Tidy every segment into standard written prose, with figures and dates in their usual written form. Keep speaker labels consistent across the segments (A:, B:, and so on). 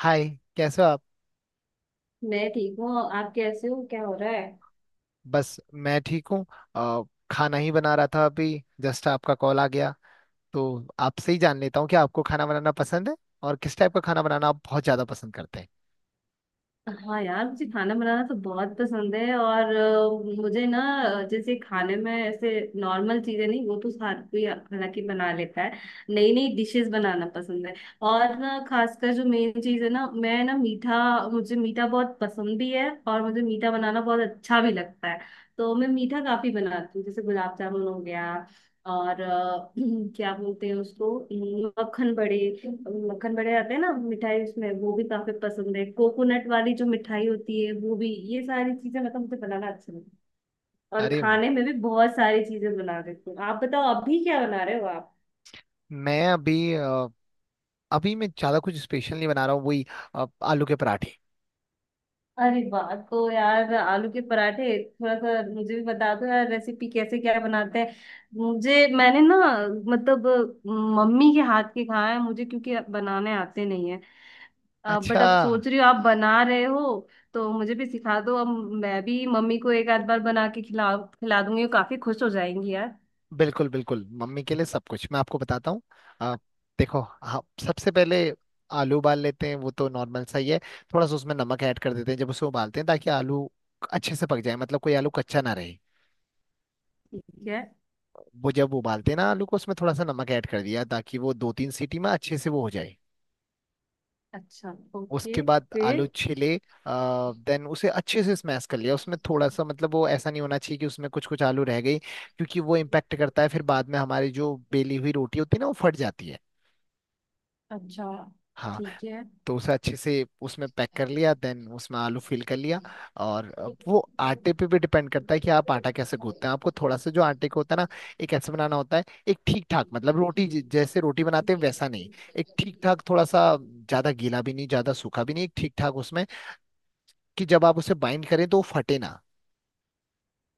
A: हाय। कैसे हो आप?
B: मैं ठीक हूँ। आप कैसे हो? क्या हो रहा है?
A: बस मैं ठीक हूँ। अ, खाना ही बना रहा था अभी। जस्ट आपका कॉल आ गया। तो आपसे ही जान लेता हूँ कि आपको खाना बनाना पसंद है, और किस टाइप का खाना बनाना आप बहुत ज़्यादा पसंद करते हैं?
B: हाँ यार, मुझे खाना बनाना तो बहुत पसंद है, और मुझे ना जैसे खाने में ऐसे नॉर्मल चीजें नहीं, वो तो हर कोई हालांकि बना लेता है। नई नई डिशेस बनाना पसंद है। और ना खासकर जो मेन चीज है ना, मैं ना मीठा। मुझे मीठा बहुत पसंद भी है, और मुझे मीठा बनाना बहुत अच्छा भी लगता है। तो मैं मीठा काफी बनाती हूँ, जैसे गुलाब जामुन हो गया। और क्या बोलते हैं उसको, मक्खन बड़े। मक्खन बड़े आते हैं ना मिठाई, उसमें वो भी काफी पसंद है। कोकोनट वाली जो मिठाई होती है, वो भी, ये सारी चीजें मतलब मुझे बनाना अच्छा लगता है। और
A: अरे वाह!
B: खाने में भी बहुत सारी चीजें बना देती हूँ। आप बताओ, अभी क्या बना रहे हो आप?
A: मैं अभी अभी मैं ज़्यादा कुछ स्पेशल नहीं बना रहा हूँ, वही आलू के पराठे।
B: अरे वाह! तो यार, आलू के पराठे। थोड़ा सा मुझे भी बता दो यार, रेसिपी कैसे क्या बनाते हैं। मुझे, मैंने ना, मतलब मम्मी के हाथ के खाए हैं मुझे, क्योंकि बनाने आते नहीं है। बट
A: अच्छा।
B: अब सोच रही हो, आप बना रहे हो। तो मुझे भी सिखा दो अब। मैं भी मम्मी को एक आध बार बना के खिला खिला दूंगी, वो काफी खुश हो जाएंगी यार।
A: बिल्कुल बिल्कुल, मम्मी के लिए सब कुछ मैं आपको बताता हूँ। आप देखो, आप सबसे पहले आलू उबाल लेते हैं, वो तो नॉर्मल सा ही है। थोड़ा सा उसमें नमक ऐड कर देते हैं जब उसे उबालते हैं, ताकि आलू अच्छे से पक जाए, मतलब कोई आलू कच्चा ना रहे।
B: ठीक है।
A: वो जब उबालते हैं ना आलू को, उसमें थोड़ा सा नमक ऐड कर दिया ताकि वो दो तीन सीटी में अच्छे से वो हो जाए।
B: अच्छा। ओके।
A: उसके बाद
B: फिर।
A: आलू छिले। देन उसे अच्छे से स्मैश कर लिया, उसमें थोड़ा सा, मतलब वो ऐसा नहीं होना चाहिए कि उसमें कुछ कुछ आलू रह गई, क्योंकि वो इम्पैक्ट करता है फिर बाद में, हमारी जो बेली हुई रोटी होती है ना वो फट जाती है।
B: अच्छा।
A: हाँ।
B: ठीक है।
A: तो उसे अच्छे से उसमें पैक कर लिया, देन उसमें आलू फिल कर लिया। और अब वो आटे पे भी डिपेंड करता है कि आप आटा कैसे गूंथते हैं। आपको थोड़ा सा, जो आटे को होता है ना, एक ऐसे बनाना होता है, एक ठीक ठाक, मतलब रोटी जैसे रोटी बनाते हैं वैसा नहीं। एक ठीक ठाक, थोड़ा सा ज्यादा गीला भी नहीं, ज्यादा सूखा भी नहीं, एक ठीक ठाक उसमें, कि जब आप उसे बाइंड करें तो वो फटे ना।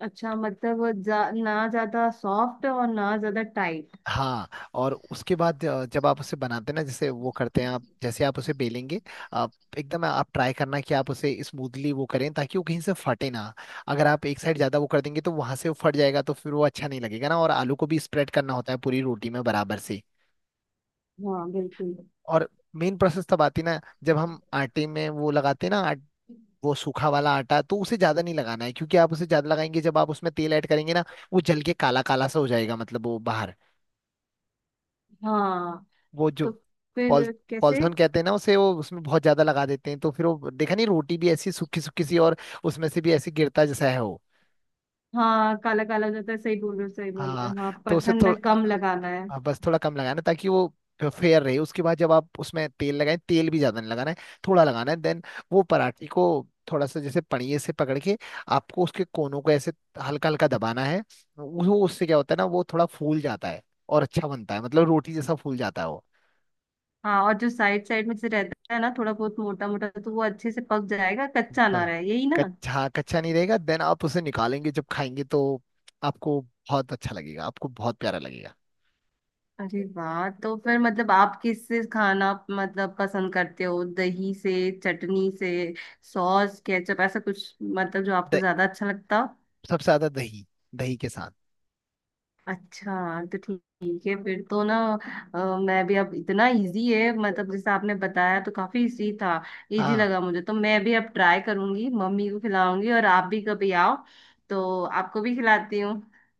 B: अच्छा, मतलब वो ना ज्यादा सॉफ्ट और ना ज्यादा टाइट।
A: हाँ। और उसके बाद जब आप उसे बनाते हैं ना, जैसे वो करते हैं, आप जैसे आप उसे बेलेंगे, आप एकदम, आप ट्राई करना कि आप उसे स्मूथली वो करें, ताकि वो कहीं से फटे ना। अगर आप एक साइड ज्यादा वो कर देंगे तो वहां से वो फट जाएगा, तो फिर वो अच्छा नहीं लगेगा ना। और आलू को भी स्प्रेड करना होता है पूरी रोटी में बराबर से।
B: हाँ, बिल्कुल।
A: और मेन प्रोसेस तब आती है ना, जब हम आटे में वो लगाते हैं ना, वो सूखा वाला आटा, तो उसे ज्यादा नहीं लगाना है, क्योंकि आप उसे ज्यादा लगाएंगे जब आप उसमें तेल ऐड करेंगे ना, वो जल के काला काला सा हो जाएगा, मतलब वो बाहर,
B: हाँ।
A: वो जो
B: तो
A: पॉल
B: फिर कैसे?
A: पॉलिथीन कहते हैं ना उसे, वो उसमें बहुत ज्यादा लगा देते हैं तो फिर वो देखा नहीं, रोटी भी ऐसी सूखी सूखी सी, और उसमें से भी ऐसी गिरता जैसा है वो।
B: हाँ, काला काला हो जाता है, सही बोल रहे हो, सही बोल रहे
A: हाँ।
B: हो, हाँ।
A: तो उसे
B: परथन में
A: थोड़ा,
B: कम लगाना है।
A: हाँ, बस थोड़ा कम लगाना ताकि वो फेयर रहे। उसके बाद जब आप उसमें तेल लगाएं, तेल भी ज्यादा नहीं लगाना है, थोड़ा लगाना है। देन वो पराठे को थोड़ा सा, जैसे पनिये से पकड़ के, आपको उसके कोनों को ऐसे हल्का हल्का दबाना है। वो उससे क्या होता है ना, वो थोड़ा फूल जाता है और अच्छा बनता है, मतलब रोटी जैसा फूल जाता है वो।
B: हाँ, और जो साइड साइड में से रहता है ना थोड़ा बहुत मोटा मोटा, तो वो अच्छे से पक जाएगा, कच्चा ना
A: पर
B: रहे, यही ना?
A: कच्चा कच्चा नहीं रहेगा। देन आप उसे निकालेंगे, जब खाएंगे तो आपको बहुत अच्छा लगेगा, आपको बहुत प्यारा लगेगा।
B: अरे वाह! तो फिर मतलब आप किससे खाना मतलब पसंद करते हो? दही से? चटनी से? सॉस, केचप, ऐसा कुछ मतलब जो आपको
A: द-
B: ज्यादा अच्छा लगता हो?
A: सबसे ज्यादा दही, दही के साथ।
B: अच्छा, तो ठीक, ठीक है फिर तो ना। अ, मैं भी अब, इतना इजी है मतलब, जैसे आपने बताया तो काफी इजी था। इजी
A: हाँ,
B: लगा मुझे, तो मैं भी अब ट्राई करूंगी, मम्मी को खिलाऊंगी, और आप भी कभी आओ। तो आपको भी खिलाती हूँ।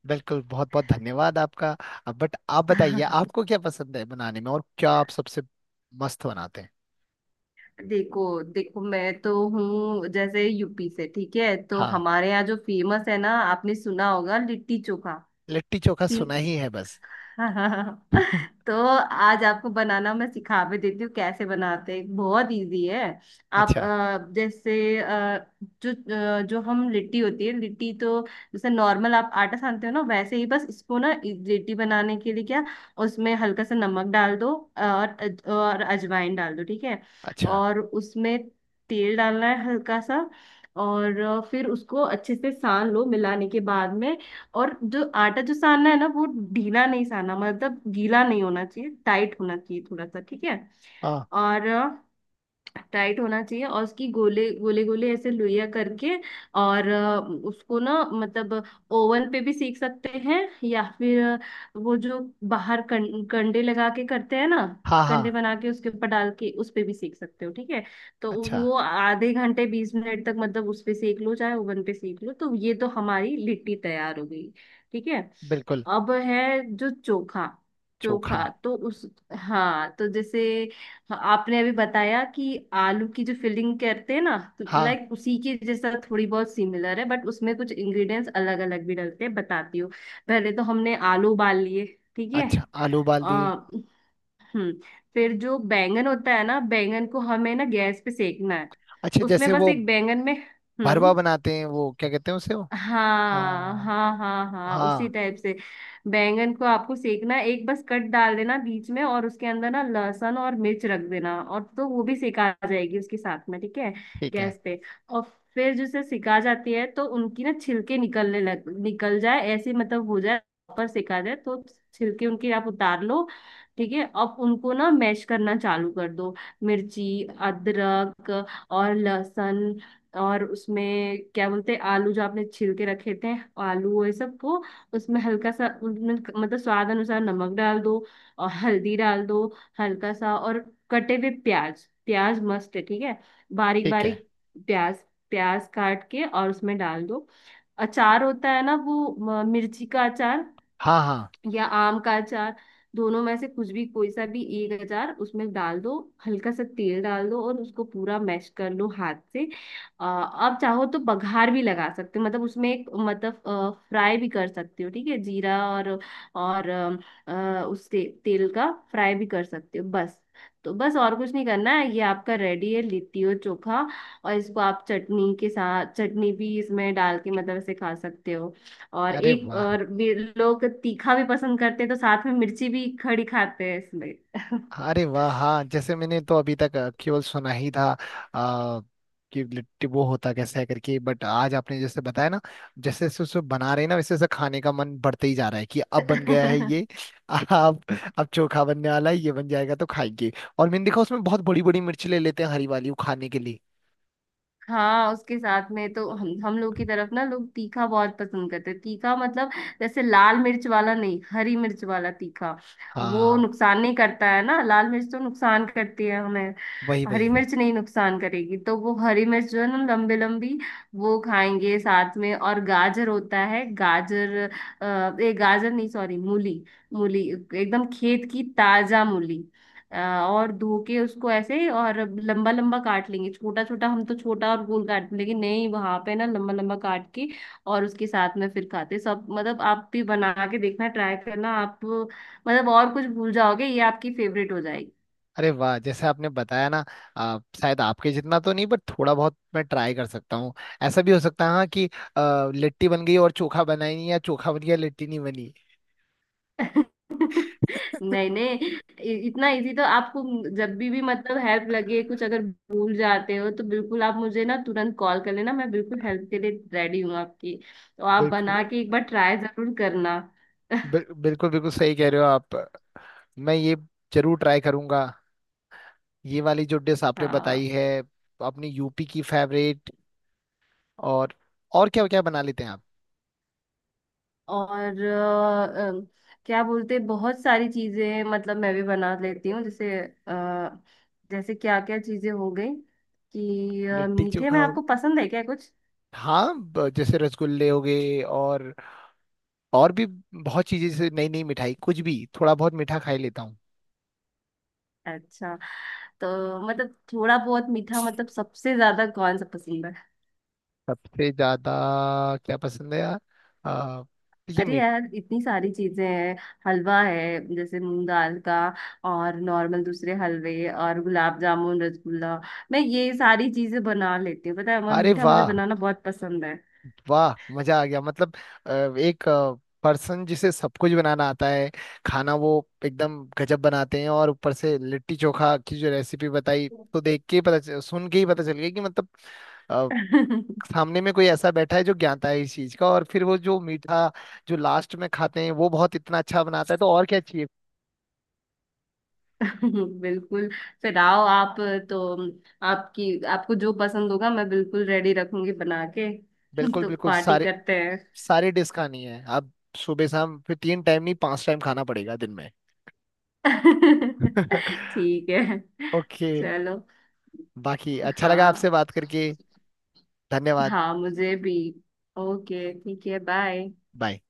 A: बिल्कुल। बहुत बहुत धन्यवाद आपका। अब बट आप बताइए, आपको क्या पसंद है बनाने में, और क्या आप सबसे मस्त बनाते हैं?
B: देखो देखो, मैं तो हूँ जैसे यूपी से, ठीक है? तो
A: हाँ,
B: हमारे यहाँ जो फेमस है ना, आपने सुना होगा, लिट्टी चोखा।
A: लिट्टी चोखा सुना
B: सीन।
A: ही है बस।
B: हाँ, हाँ, हाँ। तो आज आपको बनाना मैं सिखा भी देती हूँ। कैसे बनाते हैं, बहुत इजी है। आप
A: अच्छा।
B: जैसे जो जो हम, लिट्टी होती है, लिट्टी तो जैसे नॉर्मल आप आटा सानते हो ना, वैसे ही बस इसको ना लिट्टी बनाने के लिए क्या, उसमें हल्का सा नमक डाल दो, और और अजवाइन डाल दो, ठीक है।
A: अच्छा।
B: और उसमें तेल डालना है हल्का सा। और फिर उसको अच्छे से सान लो, मिलाने के बाद में। और जो आटा जो सानना है ना, वो ढीला नहीं सानना, मतलब गीला नहीं होना चाहिए, टाइट होना चाहिए थोड़ा सा, ठीक है।
A: हाँ
B: और टाइट होना चाहिए, और उसकी गोले गोले गोले ऐसे लोइया करके, और उसको ना मतलब, ओवन पे भी सेक सकते हैं, या फिर वो जो बाहर कंडे लगा के करते हैं ना,
A: हाँ हाँ।
B: कंडे बना के उसके ऊपर डाल के उस पे भी सेक सकते हो, ठीक है। तो
A: अच्छा।
B: वो आधे घंटे 20 मिनट तक मतलब उस पे सेक लो, चाहे ओवन पे सेक लो, तो ये तो हमारी लिट्टी तैयार हो गई। ठीक है।
A: बिल्कुल।
B: अब है जो चोखा। चोखा
A: चोखा।
B: तो उस, हाँ तो जैसे, हाँ, आपने अभी बताया कि आलू की जो फिलिंग करते हैं ना, तो
A: हाँ।
B: लाइक उसी के जैसा थोड़ी बहुत सिमिलर है, बट उसमें कुछ इंग्रेडिएंट्स अलग अलग भी डलते हैं, बताती हूँ। पहले तो हमने आलू उबाल लिए। ठीक है।
A: अच्छा, आलू उबाल दिए।
B: आ, हम्म। फिर जो बैंगन होता है ना, बैंगन को हमें ना गैस पे सेकना है।
A: अच्छा,
B: उसमें
A: जैसे
B: बस
A: वो
B: एक बैंगन में,
A: भरवा
B: हम्म,
A: बनाते हैं, वो क्या कहते हैं उसे, वो।
B: हाँ
A: हाँ
B: हाँ हाँ हाँ, उसी
A: हाँ।
B: टाइप से, बैंगन को आपको सेकना है, एक बस कट डाल देना बीच में, और उसके अंदर ना लहसुन और मिर्च रख देना, और तो वो भी सेका आ जाएगी उसके साथ में, ठीक है।
A: ठीक है।
B: गैस पे। और फिर जैसे सिका जाती है, तो उनकी ना छिलके निकलने लग, निकल जाए ऐसे मतलब हो जाए। प्रॉपर सिका जाए तो छिलके उनके आप उतार लो। ठीक है, अब उनको ना मैश करना चालू कर दो। मिर्ची, अदरक, और लहसुन, और उसमें क्या बोलते हैं, आलू जो आपने छील के रखे थे, आलू, वो ये सब को, उसमें हल्का सा उनमें मतलब स्वाद अनुसार नमक डाल दो, और हल्दी डाल दो हल्का सा, और कटे हुए प्याज, प्याज मस्त है, ठीक है, बारीक
A: ठीक है।
B: बारीक प्याज, प्याज काट के और उसमें डाल दो। अचार होता है ना, वो मिर्ची का अचार,
A: हाँ हाँ।
B: या आम का अचार, दोनों में से कुछ भी कोई सा भी एक अचार उसमें डाल दो। हल्का सा तेल डाल दो और उसको पूरा मैश कर लो हाथ से। अब चाहो तो बघार भी लगा सकते हो, मतलब उसमें एक मतलब फ्राई भी कर सकते हो, ठीक है, जीरा और तेल का फ्राई भी कर सकते हो, बस। तो बस और कुछ नहीं करना है, ये आपका रेडी है, लिट्टी और चोखा। और इसको आप चटनी के साथ, चटनी भी इसमें डाल के मतलब ऐसे खा सकते हो। और
A: अरे
B: एक
A: वाह!
B: और भी, लोग तीखा भी पसंद करते हैं, तो साथ में मिर्ची भी खड़ी खाते हैं इसमें।
A: अरे वाह! हाँ, जैसे मैंने तो अभी तक केवल सुना ही था आ, कि लिट्टी वो होता कैसे है करके, बट आज आपने जैसे बताया ना, जैसे जैसे उसको बना रहे हैं ना, वैसे वैसे खाने का मन बढ़ते ही जा रहा है कि अब बन गया है ये। अब अब चोखा बनने वाला है, ये बन जाएगा तो खाएंगे। और मैंने देखा उसमें बहुत बड़ी बड़ी मिर्च ले लेते हैं, हरी वाली, वो खाने के लिए।
B: हाँ, उसके साथ में तो हम लोग की तरफ ना, लोग तीखा बहुत पसंद करते हैं, तीखा मतलब जैसे लाल मिर्च वाला नहीं, हरी मिर्च वाला तीखा। वो
A: हाँ,
B: नुकसान नहीं करता है ना, लाल मिर्च तो नुकसान करती है हमें,
A: वही
B: हरी
A: वही।
B: मिर्च नहीं नुकसान करेगी, तो वो हरी मिर्च जो है ना, लंबी लंबी, वो खाएंगे साथ में। और गाजर होता है गाजर, अ, ए गाजर नहीं, सॉरी, मूली। मूली एकदम खेत की ताजा मूली। अ, और धो के उसको ऐसे और लंबा लंबा काट लेंगे, छोटा छोटा हम तो, छोटा और गोल काट लेंगे नहीं, वहां पे ना लंबा लंबा काट के, और उसके साथ में फिर खाते सब। मतलब आप भी बना के देखना, ट्राई करना आप, मतलब और कुछ भूल जाओगे, ये आपकी फेवरेट हो जाएगी।
A: अरे वाह! जैसे आपने बताया ना, आप शायद आपके जितना तो नहीं, बट थोड़ा बहुत मैं ट्राई कर सकता हूँ। ऐसा भी हो सकता है, हाँ, कि लिट्टी बन गई और चोखा बना ही नहीं, या चोखा बन गया लिट्टी नहीं बनी।
B: नहीं, नहीं, इतना इजी तो आपको, जब भी मतलब हेल्प लगे कुछ, अगर भूल जाते हो तो बिल्कुल आप मुझे ना तुरंत कॉल कर लेना, मैं बिल्कुल हेल्प के लिए रेडी हूँ आपकी। तो आप
A: बिल्कुल।
B: बना के एक बार ट्राई जरूर करना।
A: बिल्कुल बिल्कुल सही कह रहे हो आप। मैं ये जरूर ट्राई करूंगा, ये वाली जो डिश आपने बताई
B: हाँ,
A: है, अपनी यूपी की फेवरेट। और क्या क्या बना लेते हैं आप?
B: और क्या बोलते, बहुत सारी चीजें मतलब मैं भी बना लेती हूँ, जैसे जैसे, क्या क्या चीजें हो गई, कि
A: लिट्टी
B: मीठे
A: चोखा
B: में
A: हो,
B: आपको पसंद है क्या कुछ?
A: हाँ। जैसे रसगुल्ले हो गए, और भी बहुत चीजें, जैसे नई नई मिठाई, कुछ भी थोड़ा बहुत मीठा खा ही लेता हूँ।
B: अच्छा, तो मतलब थोड़ा बहुत मीठा मतलब सबसे ज्यादा कौन सा पसंद है?
A: सबसे ज्यादा क्या पसंद है यार? आ, ये
B: अरे
A: मीट।
B: यार, इतनी सारी चीजें हैं। हलवा है जैसे मूंग दाल का, और नॉर्मल दूसरे हलवे, और गुलाब जामुन, रसगुल्ला। मैं ये सारी चीजें बना लेती हूँ, पता है, और
A: अरे
B: मीठा मुझे
A: वाह!
B: बनाना बहुत पसंद है।
A: वाह, मजा आ गया, मतलब अ, एक पर्सन जिसे सब कुछ बनाना आता है, खाना वो एकदम गजब बनाते हैं। और ऊपर से लिट्टी चोखा की जो रेसिपी बताई, तो देख के ही पता चल, सुन के ही पता चल गया कि मतलब अ, सामने में कोई ऐसा बैठा है जो ज्ञाता है इस चीज का। और फिर वो जो मीठा, जो लास्ट में खाते हैं, वो बहुत इतना अच्छा बनाता है, तो और क्या चाहिए?
B: बिल्कुल। फिर आओ आप, तो आपकी आपको जो पसंद होगा मैं बिल्कुल रेडी रखूंगी बना के।
A: बिल्कुल
B: तो
A: बिल्कुल।
B: पार्टी
A: सारे
B: करते हैं।
A: सारी डिश खानी है आप, सुबह शाम, फिर तीन टाइम नहीं पांच टाइम खाना पड़ेगा दिन में।
B: ठीक है।
A: ओके।
B: चलो।
A: बाकी अच्छा लगा आपसे
B: हाँ।
A: बात करके। धन्यवाद।
B: हाँ, मुझे भी। ओके, ठीक है, बाय।
A: बाय।